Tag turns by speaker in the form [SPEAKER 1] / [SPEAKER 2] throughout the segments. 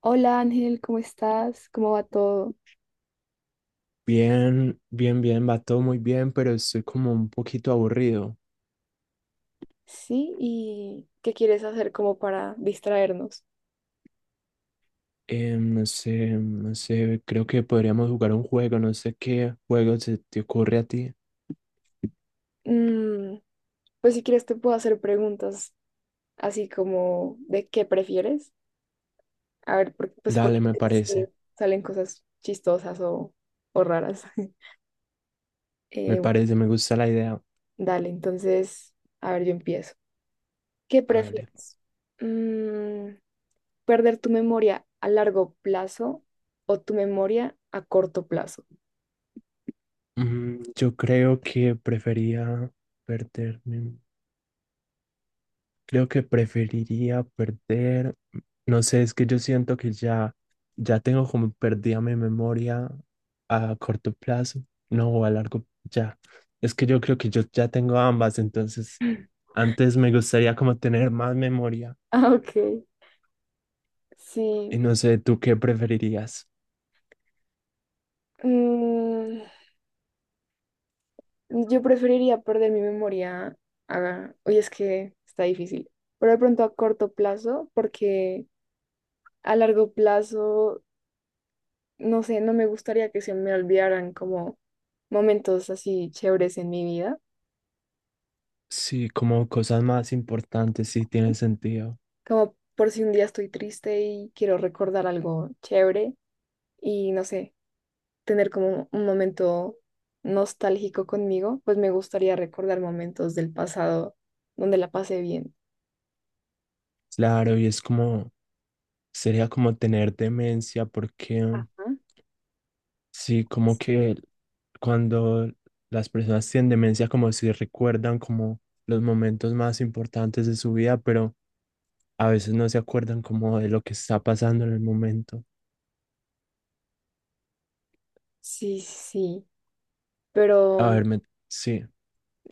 [SPEAKER 1] Hola Ángel, ¿cómo estás? ¿Cómo va todo?
[SPEAKER 2] Bien, bien, bien, va todo muy bien, pero estoy como un poquito aburrido.
[SPEAKER 1] Sí, ¿y qué quieres hacer como para distraernos?
[SPEAKER 2] No sé, creo que podríamos jugar un juego, no sé qué juego se te ocurre a ti.
[SPEAKER 1] Mm, pues si quieres te puedo hacer preguntas así como de qué prefieres. A ver, pues porque
[SPEAKER 2] Dale, me
[SPEAKER 1] sí,
[SPEAKER 2] parece,
[SPEAKER 1] salen cosas chistosas o raras.
[SPEAKER 2] me
[SPEAKER 1] Bueno,
[SPEAKER 2] parece, me gusta la idea.
[SPEAKER 1] dale, entonces, a ver, yo empiezo. ¿Qué
[SPEAKER 2] Hágale.
[SPEAKER 1] prefieres? Mm, ¿Perder tu memoria a largo plazo o tu memoria a corto plazo?
[SPEAKER 2] Yo creo que prefería perderme. Creo que preferiría perder, no sé, es que yo siento que ya, ya tengo como perdida mi memoria a corto plazo, no, o a largo, ya. Es que yo creo que yo ya tengo ambas, entonces antes me gustaría como tener más memoria.
[SPEAKER 1] Ah, ok.
[SPEAKER 2] Y
[SPEAKER 1] Sí.
[SPEAKER 2] no sé, ¿tú qué preferirías?
[SPEAKER 1] Mm, yo preferiría perder mi memoria. Oye, es que está difícil. Pero de pronto a corto plazo, porque a largo plazo, no sé, no me gustaría que se me olvidaran como momentos así chéveres en mi vida.
[SPEAKER 2] Sí, como cosas más importantes, sí tiene sentido.
[SPEAKER 1] Como por si un día estoy triste y quiero recordar algo chévere y no sé, tener como un momento nostálgico conmigo, pues me gustaría recordar momentos del pasado donde la pasé bien.
[SPEAKER 2] Claro, y es como, sería como tener demencia, porque
[SPEAKER 1] Ajá.
[SPEAKER 2] sí, como que cuando las personas tienen demencia, como si recuerdan como los momentos más importantes de su vida, pero a veces no se acuerdan como de lo que está pasando en el momento.
[SPEAKER 1] Sí, sí, pero
[SPEAKER 2] A ver, sí,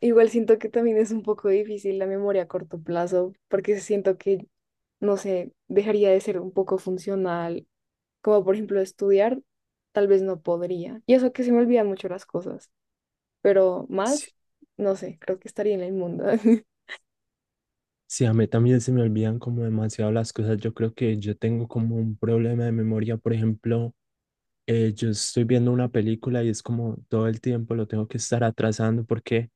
[SPEAKER 1] igual siento que también es un poco difícil la memoria a corto plazo porque siento que, no sé, dejaría de ser un poco funcional, como por ejemplo estudiar, tal vez no podría. Y eso que se me olvidan mucho las cosas. Pero
[SPEAKER 2] sí,
[SPEAKER 1] más, no sé, creo que estaría en el mundo.
[SPEAKER 2] sí, a mí también se me olvidan como demasiado las cosas. Yo creo que yo tengo como un problema de memoria. Por ejemplo, yo estoy viendo una película y es como todo el tiempo lo tengo que estar atrasando porque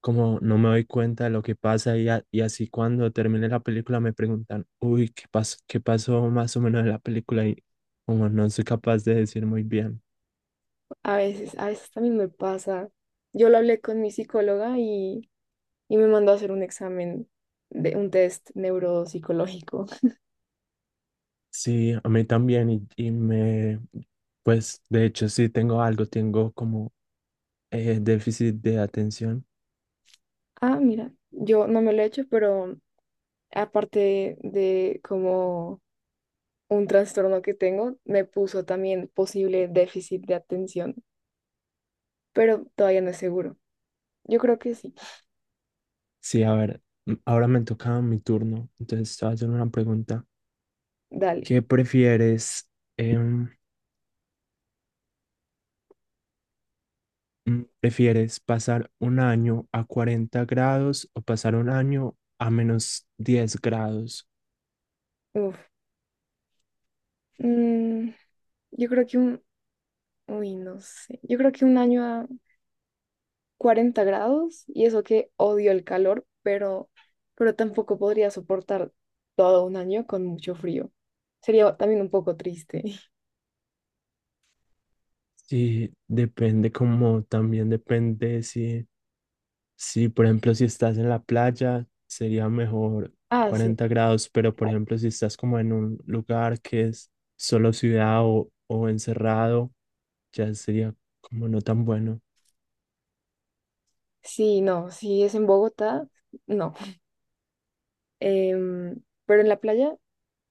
[SPEAKER 2] como no me doy cuenta de lo que pasa y así cuando termine la película me preguntan, uy, ¿qué pasó? ¿Qué pasó más o menos en la película? Y como no soy capaz de decir muy bien.
[SPEAKER 1] A veces también me pasa. Yo lo hablé con mi psicóloga y me mandó a hacer un examen de un test neuropsicológico.
[SPEAKER 2] Sí, a mí también y me, pues de hecho sí tengo algo, tengo como déficit de atención.
[SPEAKER 1] Ah, mira, yo no me lo he hecho, pero aparte de como un trastorno que tengo, me puso también posible déficit de atención, pero todavía no es seguro. Yo creo que sí.
[SPEAKER 2] Sí, a ver, ahora me toca mi turno, entonces te voy a hacer una pregunta.
[SPEAKER 1] Dale.
[SPEAKER 2] ¿Qué prefieres? em, ¿Prefieres pasar un año a 40 grados o pasar un año a -10 grados?
[SPEAKER 1] Uf. Mm, yo creo que un, uy, no sé. Yo creo que un año 40 grados y eso que odio el calor, pero tampoco podría soportar todo un año con mucho frío. Sería también un poco triste.
[SPEAKER 2] Sí, depende como también depende si, si, por ejemplo, si estás en la playa, sería mejor
[SPEAKER 1] Ah, sí,
[SPEAKER 2] 40 grados, pero por ejemplo, si estás como en un lugar que es solo ciudad o encerrado, ya sería como no tan bueno.
[SPEAKER 1] sí, no, si es en Bogotá, no. Pero en la playa,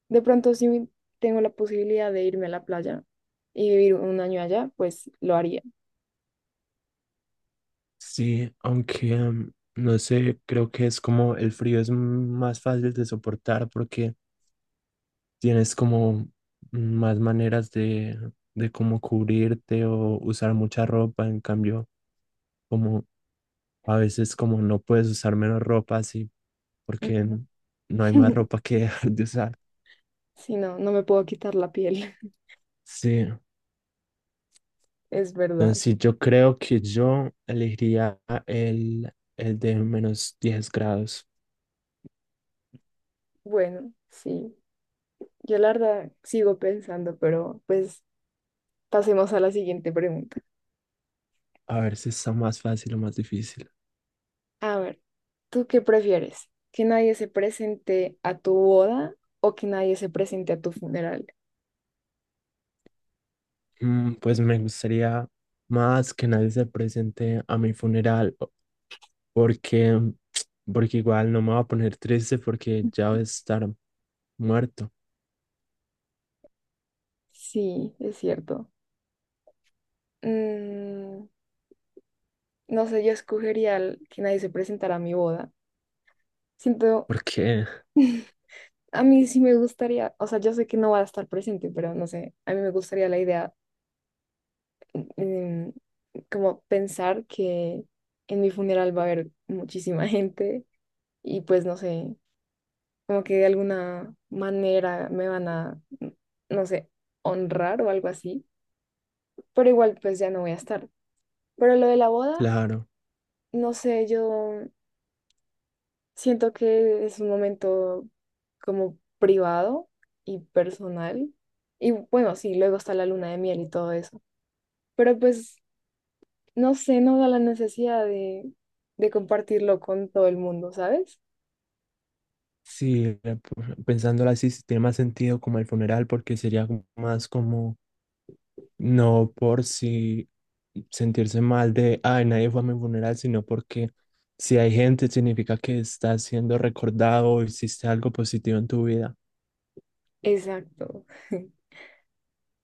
[SPEAKER 1] de pronto si tengo la posibilidad de irme a la playa y vivir un año allá, pues lo haría.
[SPEAKER 2] Sí, aunque no sé, creo que es como el frío es más fácil de soportar porque tienes como más maneras de cómo cubrirte o usar mucha ropa, en cambio, como a veces como no puedes usar menos ropa así, porque no hay más ropa que dejar de usar.
[SPEAKER 1] Si no, no me puedo quitar la piel,
[SPEAKER 2] Sí,
[SPEAKER 1] es verdad.
[SPEAKER 2] entonces yo creo que yo elegiría el de -10 grados,
[SPEAKER 1] Bueno, sí, yo la verdad sigo pensando, pero pues pasemos a la siguiente pregunta.
[SPEAKER 2] a ver si está más fácil o más difícil.
[SPEAKER 1] A ver, ¿tú qué prefieres? ¿Que nadie se presente a tu boda o que nadie se presente a tu funeral?
[SPEAKER 2] Pues me gustaría más que nadie se presente a mi funeral porque, porque igual no me voy a poner triste porque ya voy a estar muerto.
[SPEAKER 1] Sí, es cierto. Mm, no sé, yo escogería que nadie se presentara a mi boda. Siento,
[SPEAKER 2] Porque,
[SPEAKER 1] a mí sí me gustaría, o sea, yo sé que no va a estar presente, pero no sé, a mí me gustaría la idea, em, como pensar que en mi funeral va a haber muchísima gente y pues no sé como que de alguna manera me van a, no sé, honrar o algo así, pero igual pues ya no voy a estar. Pero lo de la boda,
[SPEAKER 2] claro,
[SPEAKER 1] no sé, yo siento que es un momento como privado y personal. Y bueno, sí, luego está la luna de miel y todo eso. Pero pues, no sé, no da la necesidad de compartirlo con todo el mundo, ¿sabes?
[SPEAKER 2] sí, pensándolo así, sí tiene más sentido como el funeral, porque sería como más como, no por si sentirse mal de, ay, nadie fue a mi funeral, sino porque si hay gente, significa que estás siendo recordado o hiciste algo positivo en tu vida.
[SPEAKER 1] Exacto.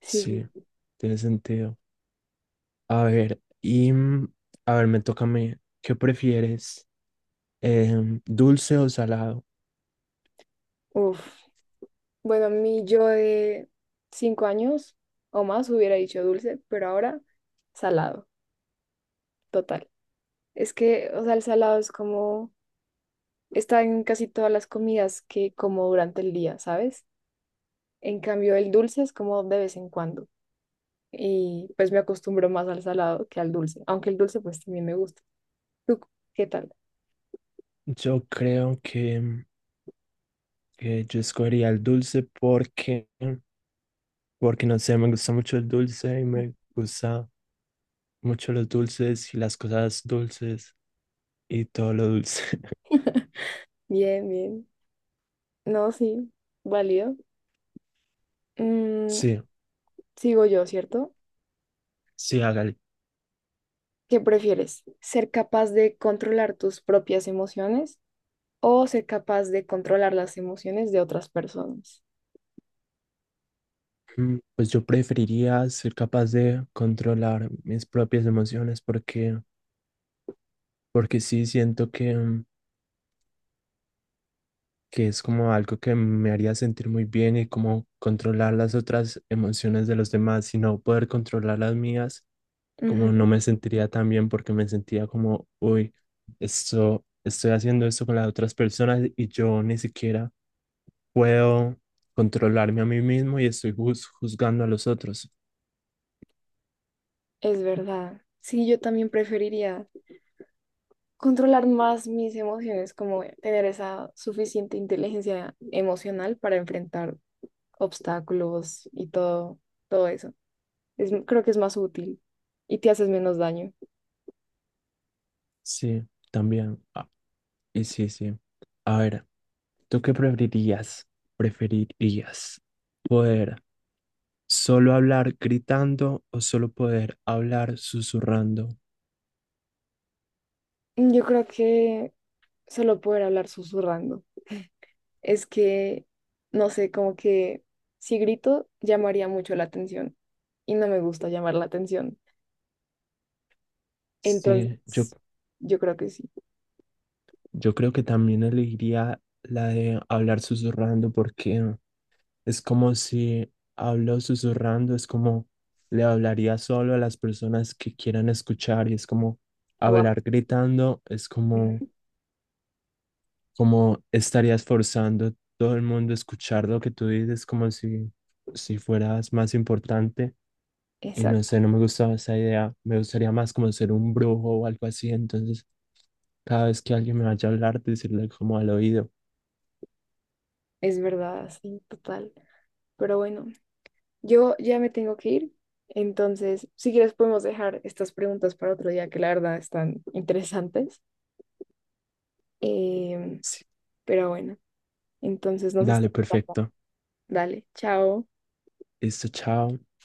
[SPEAKER 1] Sí,
[SPEAKER 2] Sí,
[SPEAKER 1] sí.
[SPEAKER 2] tiene sentido. A ver, y a ver, me toca a mí. ¿Qué prefieres? Em, ¿dulce o salado?
[SPEAKER 1] Uf. Bueno, mi yo de 5 años o más hubiera dicho dulce, pero ahora salado, total. Es que, o sea, el salado es como, está en casi todas las comidas que como durante el día, ¿sabes? En cambio, el dulce es como de vez en cuando. Y pues me acostumbro más al salado que al dulce, aunque el dulce pues también me gusta. ¿Tú qué tal?
[SPEAKER 2] Yo creo que yo escogería el dulce porque, porque no sé, me gusta mucho el dulce y me gusta mucho los dulces y las cosas dulces y todo lo dulce.
[SPEAKER 1] Bien, bien. No, sí, válido. Mm,
[SPEAKER 2] Sí,
[SPEAKER 1] Sigo yo, ¿cierto?
[SPEAKER 2] sí, hágale.
[SPEAKER 1] ¿Qué prefieres? ¿Ser capaz de controlar tus propias emociones o ser capaz de controlar las emociones de otras personas?
[SPEAKER 2] Pues yo preferiría ser capaz de controlar mis propias emociones porque, porque sí siento que es como algo que me haría sentir muy bien y como controlar las otras emociones de los demás y no poder controlar las mías, como no
[SPEAKER 1] Ujú.
[SPEAKER 2] me sentiría tan bien porque me sentía como, uy, esto, estoy haciendo esto con las otras personas y yo ni siquiera puedo controlarme a mí mismo y estoy juzgando a los otros.
[SPEAKER 1] Es verdad. Sí, yo también preferiría controlar más mis emociones, como tener esa suficiente inteligencia emocional para enfrentar obstáculos y todo, todo eso. Es, creo que es más útil y te haces menos daño.
[SPEAKER 2] Sí, también. Ah, y sí, sí. A ver, ¿tú qué preferirías? ¿Preferirías poder solo hablar gritando o solo poder hablar susurrando?
[SPEAKER 1] Yo creo que solo poder hablar susurrando. Es que, no sé, como que si grito, llamaría mucho la atención y no me gusta llamar la atención.
[SPEAKER 2] Sí, yo,
[SPEAKER 1] Entonces, yo creo que sí.
[SPEAKER 2] yo creo que también elegiría la de hablar susurrando porque es como si hablo susurrando, es como le hablaría solo a las personas que quieran escuchar y es como
[SPEAKER 1] Wow.
[SPEAKER 2] hablar gritando, es como, como estarías forzando a todo el mundo a escuchar lo que tú dices, como si, si fueras más importante. Y no
[SPEAKER 1] Exacto.
[SPEAKER 2] sé, no me gustaba esa idea. Me gustaría más como ser un brujo o algo así. Entonces, cada vez que alguien me vaya a hablar, decirle como al oído.
[SPEAKER 1] Es verdad, sí, total. Pero bueno, yo ya me tengo que ir. Entonces, si quieres, podemos dejar estas preguntas para otro día, que la verdad están interesantes. Em,
[SPEAKER 2] Sí,
[SPEAKER 1] pero bueno. Entonces nos
[SPEAKER 2] dale,
[SPEAKER 1] estamos hablando.
[SPEAKER 2] perfecto.
[SPEAKER 1] Dale, chao.
[SPEAKER 2] Listo, chao.